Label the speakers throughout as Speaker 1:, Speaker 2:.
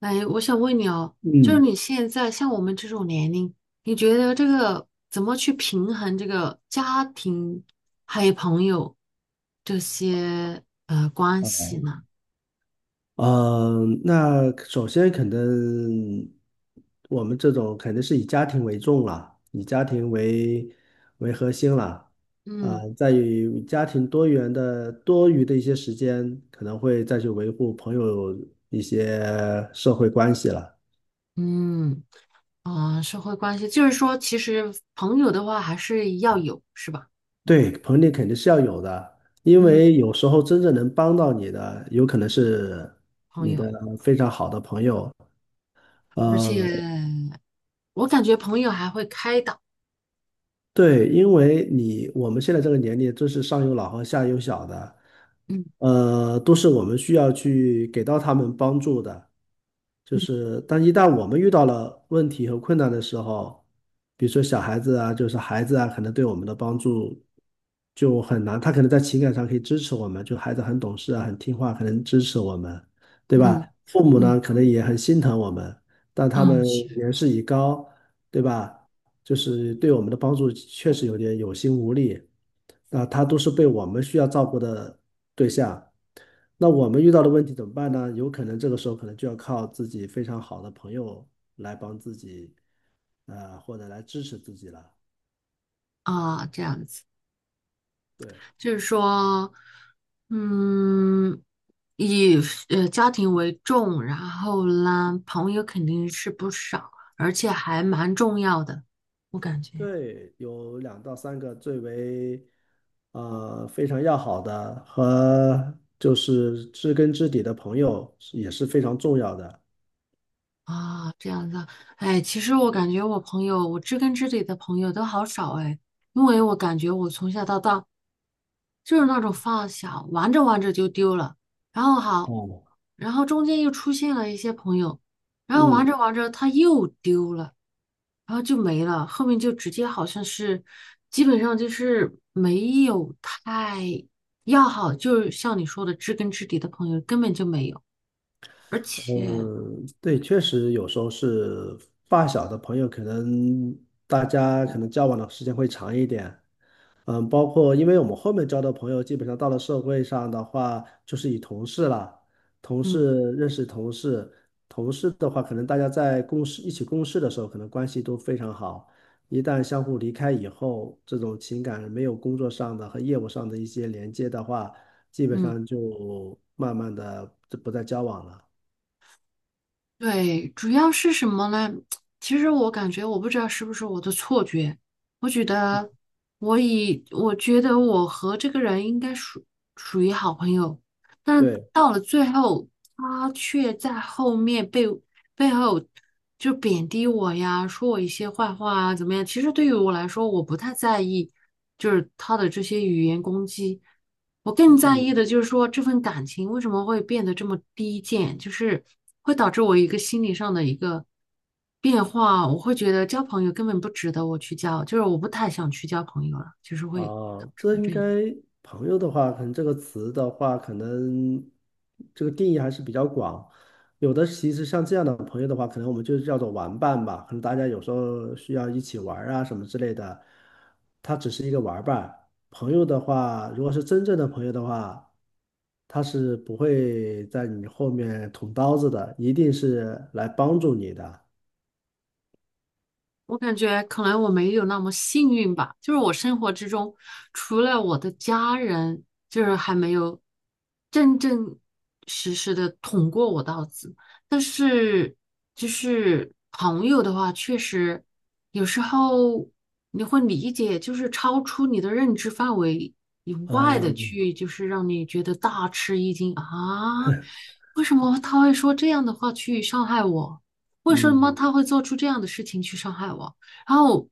Speaker 1: 哎，我想问你哦，
Speaker 2: 嗯。
Speaker 1: 就是
Speaker 2: 嗯
Speaker 1: 你现在像我们这种年龄，你觉得这个怎么去平衡这个家庭还有朋友这些关系呢？
Speaker 2: 那首先肯定，我们这种肯定是以家庭为重了，以家庭为核心了。
Speaker 1: 嗯。
Speaker 2: 在于家庭多元的多余的一些时间，可能会再去维护朋友一些社会关系了。
Speaker 1: 嗯。啊，社会关系，就是说，其实朋友的话还是要有，是吧？
Speaker 2: 对，朋友肯定是要有的，因
Speaker 1: 嗯，
Speaker 2: 为有时候真正能帮到你的，有可能是
Speaker 1: 朋
Speaker 2: 你
Speaker 1: 友，
Speaker 2: 的非常好的朋友。
Speaker 1: 而且
Speaker 2: 呃。
Speaker 1: 我感觉朋友还会开导，
Speaker 2: 对，因为我们现在这个年龄，真是上有老和下有小的，
Speaker 1: 嗯。
Speaker 2: 呃，都是我们需要去给到他们帮助的。就
Speaker 1: 嗯。
Speaker 2: 是，但一旦我们遇到了问题和困难的时候，比如说小孩子啊，就是孩子啊，可能对我们的帮助就很难。他可能在情感上可以支持我们，就孩子很懂事啊，很听话，可能支持我们，对吧？
Speaker 1: 嗯。
Speaker 2: 父母呢，
Speaker 1: 嗯，
Speaker 2: 可能也很心疼我们，但他
Speaker 1: 嗯
Speaker 2: 们
Speaker 1: 是。
Speaker 2: 年事已高，对吧？就是对我们的帮助确实有点有心无力。那他都是被我们需要照顾的对象，那我们遇到的问题怎么办呢？有可能这个时候可能就要靠自己非常好的朋友来帮自己，或者来支持自己了。
Speaker 1: 啊，这样子。
Speaker 2: 对
Speaker 1: 就是说，嗯，以家庭为重，然后呢，朋友肯定是不少，而且还蛮重要的，我感觉。
Speaker 2: 对，有两到三个最为非常要好的和就是知根知底的朋友是也是非常重要的。
Speaker 1: 啊，这样子啊。哎，其实我感觉我朋友，我知根知底的朋友都好少哎，因为我感觉我从小到大就是那种发小，玩着玩着就丢了，然后好，
Speaker 2: 哦，
Speaker 1: 然后中间又出现了一些朋友，然后玩
Speaker 2: 嗯。
Speaker 1: 着玩着他又丢了。然后就没了，后面就直接好像是，基本上就是没有太要好，就是像你说的知根知底的朋友根本就没有，而且，
Speaker 2: 嗯，对，确实有时候是发小的朋友，可能大家可能交往的时间会长一点。嗯，包括因为我们后面交的朋友，基本上到了社会上的话，就是以同事了，同
Speaker 1: 嗯。
Speaker 2: 事认识同事，同事的话，可能大家在一起共事的时候，可能关系都非常好。一旦相互离开以后，这种情感没有工作上的和业务上的一些连接的话，基本
Speaker 1: 嗯，
Speaker 2: 上就慢慢的就不再交往了。
Speaker 1: 对，主要是什么呢？其实我感觉我不知道是不是我的错觉，我觉得我觉得我和这个人应该属于好朋友，但
Speaker 2: 对。
Speaker 1: 到了最后，他却在后面被。背后就贬低我呀，说我一些坏话啊，怎么样？其实对于我来说，我不太在意，就是他的这些语言攻击，我更
Speaker 2: 嗯
Speaker 1: 在
Speaker 2: 嗯，
Speaker 1: 意的就是说这份感情为什么会变得这么低贱，就是会导致我一个心理上的一个变化，我会觉得交朋友根本不值得我去交，就是我不太想去交朋友了，就是会导致
Speaker 2: 这
Speaker 1: 我
Speaker 2: 应
Speaker 1: 这
Speaker 2: 该
Speaker 1: 样。
Speaker 2: 朋友的话，可能这个词的话，可能这个定义还是比较广。有的其实像这样的朋友的话，可能我们就叫做玩伴吧，可能大家有时候需要一起玩儿啊什么之类的。他只是一个玩伴，朋友的话，如果是真正的朋友的话，他是不会在你后面捅刀子的，一定是来帮助你的。
Speaker 1: 我感觉可能我没有那么幸运吧，就是我生活之中，除了我的家人，就是还没有真正实实的捅过我刀子。但是就是朋友的话，确实有时候你会理解，就是超出你的认知范围以外的
Speaker 2: 嗯
Speaker 1: 去，就是让你觉得大吃一惊啊，为什么他会说这样的话去伤害我？为什么
Speaker 2: 嗯，
Speaker 1: 他会做出这样的事情去伤害我？然后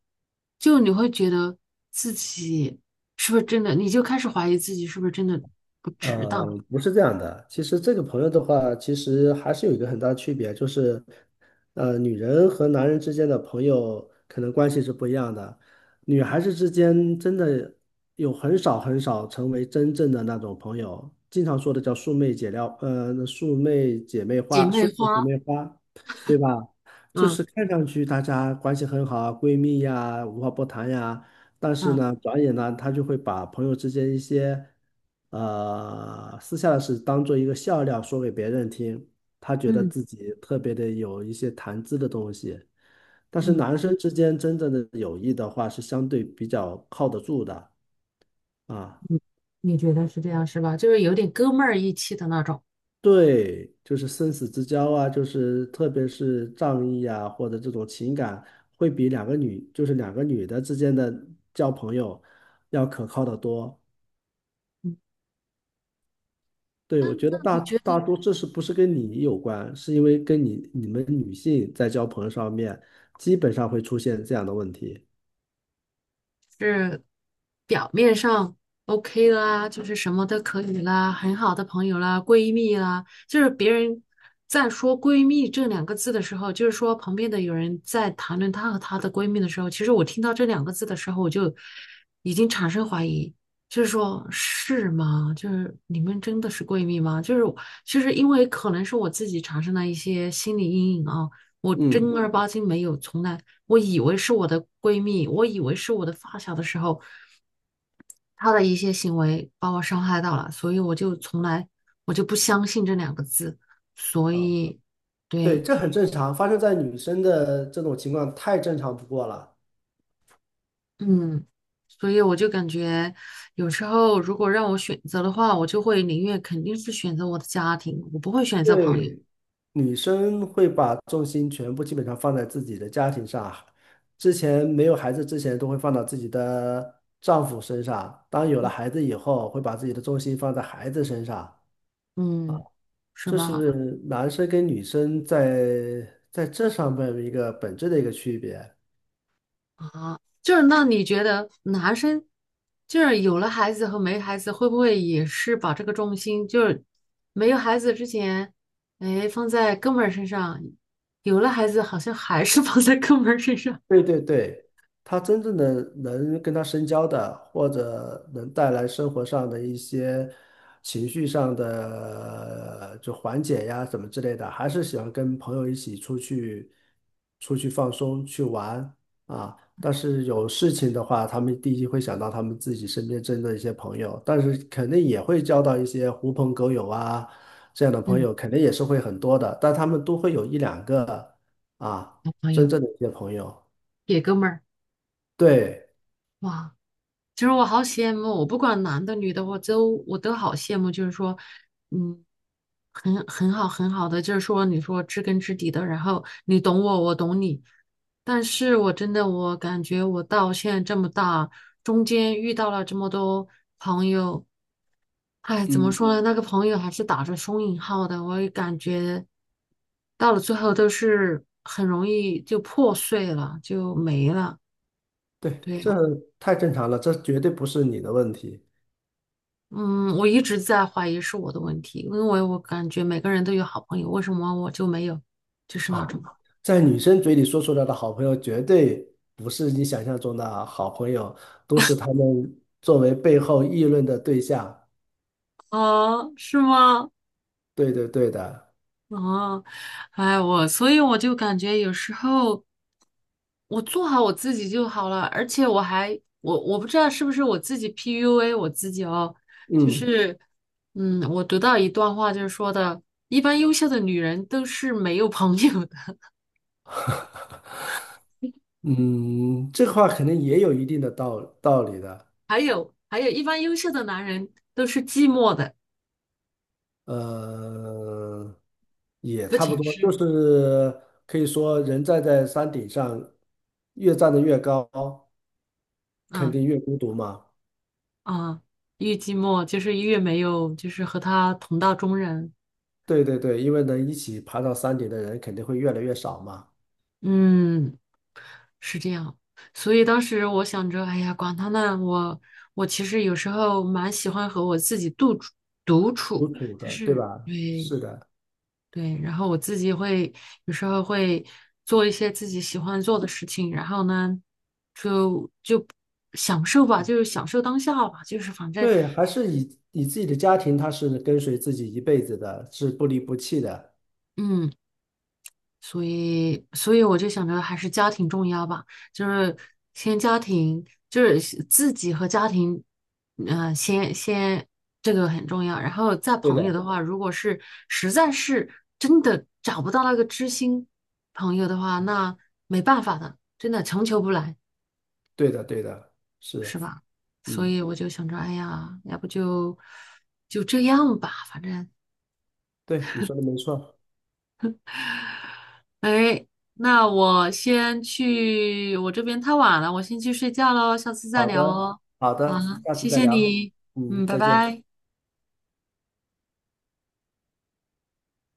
Speaker 1: 就你会觉得自己是不是真的，你就开始怀疑自己是不是真的不值
Speaker 2: 呃，
Speaker 1: 得。
Speaker 2: 不是这样的。其实这个朋友的话，其实还是有一个很大的区别，就是，呃，女人和男人之间的朋友可能关系是不一样的。女孩子之间真的有很少很少成为真正的那种朋友，经常说的叫“素昧姐撩”，呃，“素昧姐妹
Speaker 1: 姐
Speaker 2: 花”，
Speaker 1: 妹
Speaker 2: “素昧姐
Speaker 1: 花，
Speaker 2: 妹花”，对吧？就是
Speaker 1: 嗯。
Speaker 2: 看上去大家关系很好啊，闺蜜呀，无话不谈呀，但是
Speaker 1: 嗯。
Speaker 2: 呢，转眼呢，他就会把朋友之间一些私下的事当做一个笑料说给别人听，他觉得
Speaker 1: 嗯。
Speaker 2: 自己特别的有一些谈资的东西。但是
Speaker 1: 嗯。
Speaker 2: 男生之间真正的友谊的话，是相对比较靠得住的啊。
Speaker 1: 嗯，你觉得是这样是吧？就是有点哥们儿义气的那种。
Speaker 2: 对，就是生死之交啊，就是特别是仗义啊，或者这种情感，会比两个女，就是两个女的之间的交朋友要可靠的多。
Speaker 1: 嗯，
Speaker 2: 对，
Speaker 1: 那
Speaker 2: 我觉
Speaker 1: 那
Speaker 2: 得大
Speaker 1: 你觉
Speaker 2: 大
Speaker 1: 得？
Speaker 2: 多这是不是跟你有关，是因为你们女性在交朋友上面，基本上会出现这样的问题。
Speaker 1: 是表面上 OK 啦，就是什么都可以啦，很好的朋友啦，闺蜜啦，就是别人在说闺蜜这两个字的时候，就是说旁边的有人在谈论她和她的闺蜜的时候，其实我听到这两个字的时候，我就已经产生怀疑，就是说是吗？就是你们真的是闺蜜吗？就是我就是因为可能是我自己产生了一些心理阴影啊，我正
Speaker 2: 嗯，
Speaker 1: 儿八经没有从来。我以为是我的闺蜜，我以为是我的发小的时候，她的一些行为把我伤害到了，所以我就从来我就不相信这两个字，所
Speaker 2: 啊，
Speaker 1: 以
Speaker 2: 对，
Speaker 1: 对，
Speaker 2: 这很正常，发生在女生的这种情况太正常不过了。
Speaker 1: 嗯，所以我就感觉有时候如果让我选择的话，我就会宁愿肯定是选择我的家庭，我不会选择朋友，
Speaker 2: 对，女生会把重心全部基本上放在自己的家庭上，之前没有孩子之前都会放到自己的丈夫身上，当有了
Speaker 1: 嗯。
Speaker 2: 孩子以后，会把自己的重心放在孩子身上。
Speaker 1: 嗯，是
Speaker 2: 这
Speaker 1: 吧？
Speaker 2: 是男生跟女生在这上面一个本质的一个区别。
Speaker 1: 啊，就是那你觉得男生就是有了孩子和没孩子，会不会也是把这个重心就是没有孩子之前，哎，放在哥们儿身上，有了孩子好像还是 放在哥们儿身上，
Speaker 2: 对，他真正的能跟他深交的，或者能带来生活上的一些情绪上的就缓解呀什么之类的，还是喜欢跟朋友一起出去放松去玩啊。但是有事情的话，他们第一会想到他们自己身边真的一些朋友，但是肯定也会交到一些狐朋狗友啊这样的朋
Speaker 1: 嗯，
Speaker 2: 友，肯定也是会很多的，但他们都会有一两个啊
Speaker 1: 男朋
Speaker 2: 真
Speaker 1: 友
Speaker 2: 正的一些朋友。
Speaker 1: 给哥们儿，
Speaker 2: 对，
Speaker 1: 哇。其实我好羡慕，我不管男的女的，我都好羡慕。就是说，嗯，很好很好的，就是说，你说知根知底的，然后你懂我，我懂你。但是我真的，我感觉我到现在这么大，中间遇到了这么多朋友，哎，怎么
Speaker 2: 嗯，
Speaker 1: 说呢？那个朋友还是打着双引号的，我也感觉到了最后都是很容易就破碎了，就没了。
Speaker 2: 对，
Speaker 1: 对，
Speaker 2: 这太正常了，这绝对不是你的问题。
Speaker 1: 嗯，我一直在怀疑是我的问题，因为我感觉每个人都有好朋友，为什么我就没有？就是那
Speaker 2: 啊！
Speaker 1: 种。
Speaker 2: 在女生嘴里说出来的好朋友，绝对不是你想象中的好朋友，都是他们作为背后议论的对象。
Speaker 1: 啊，是吗？
Speaker 2: 对的，
Speaker 1: 啊，哎，我所以我就感觉有时候我做好我自己就好了，而且我还我我不知道是不是我自己 PUA 我自己哦，就
Speaker 2: 嗯
Speaker 1: 是嗯，我读到一段话就是说的，一般优秀的女人都是没有朋友的，
Speaker 2: 嗯，这话肯定也有一定的道理的，
Speaker 1: 还有一般优秀的男人都是寂寞的，
Speaker 2: 呃，也
Speaker 1: 不
Speaker 2: 差不
Speaker 1: 仅
Speaker 2: 多，就
Speaker 1: 是。
Speaker 2: 是可以说人站在山顶上，越站得越高，肯
Speaker 1: 嗯，
Speaker 2: 定越孤独嘛。
Speaker 1: 啊，越寂寞就是越没有，就是和他同道中人。
Speaker 2: 对，因为能一起爬到山顶的人肯定会越来越少嘛，
Speaker 1: 嗯，是这样。所以当时我想着，哎呀，管他呢，我其实有时候蛮喜欢和我自己独
Speaker 2: 有
Speaker 1: 处，
Speaker 2: 主
Speaker 1: 就
Speaker 2: 的，对
Speaker 1: 是
Speaker 2: 吧？
Speaker 1: 对。
Speaker 2: 是的，
Speaker 1: 对，然后我自己会有时候会做一些自己喜欢做的事情，然后呢，就享受吧，就是享受当下吧，就是反正
Speaker 2: 对，还是以自己的家庭，他是跟随自己一辈子的，是不离不弃的。
Speaker 1: 嗯。所以我就想着还是家庭重要吧，就是先家庭，就是先自己和家庭，先这个很重要。然后再
Speaker 2: 对的，
Speaker 1: 朋友的话，如果是实在是真的找不到那个知心朋友的话，那没办法的，真的强求不来，
Speaker 2: 对的，对的，
Speaker 1: 是
Speaker 2: 是，
Speaker 1: 吧？所
Speaker 2: 嗯，
Speaker 1: 以我就想着，哎呀，要不就这样吧，反正。
Speaker 2: 对，你说的没错。
Speaker 1: o 那我先去，我这边太晚了，我先去睡觉喽，下次再
Speaker 2: 好
Speaker 1: 聊
Speaker 2: 的，
Speaker 1: 哦。
Speaker 2: 好
Speaker 1: 啊，
Speaker 2: 的，下次
Speaker 1: 谢
Speaker 2: 再
Speaker 1: 谢
Speaker 2: 聊。
Speaker 1: 你，嗯，
Speaker 2: 嗯，
Speaker 1: 拜
Speaker 2: 再见。
Speaker 1: 拜。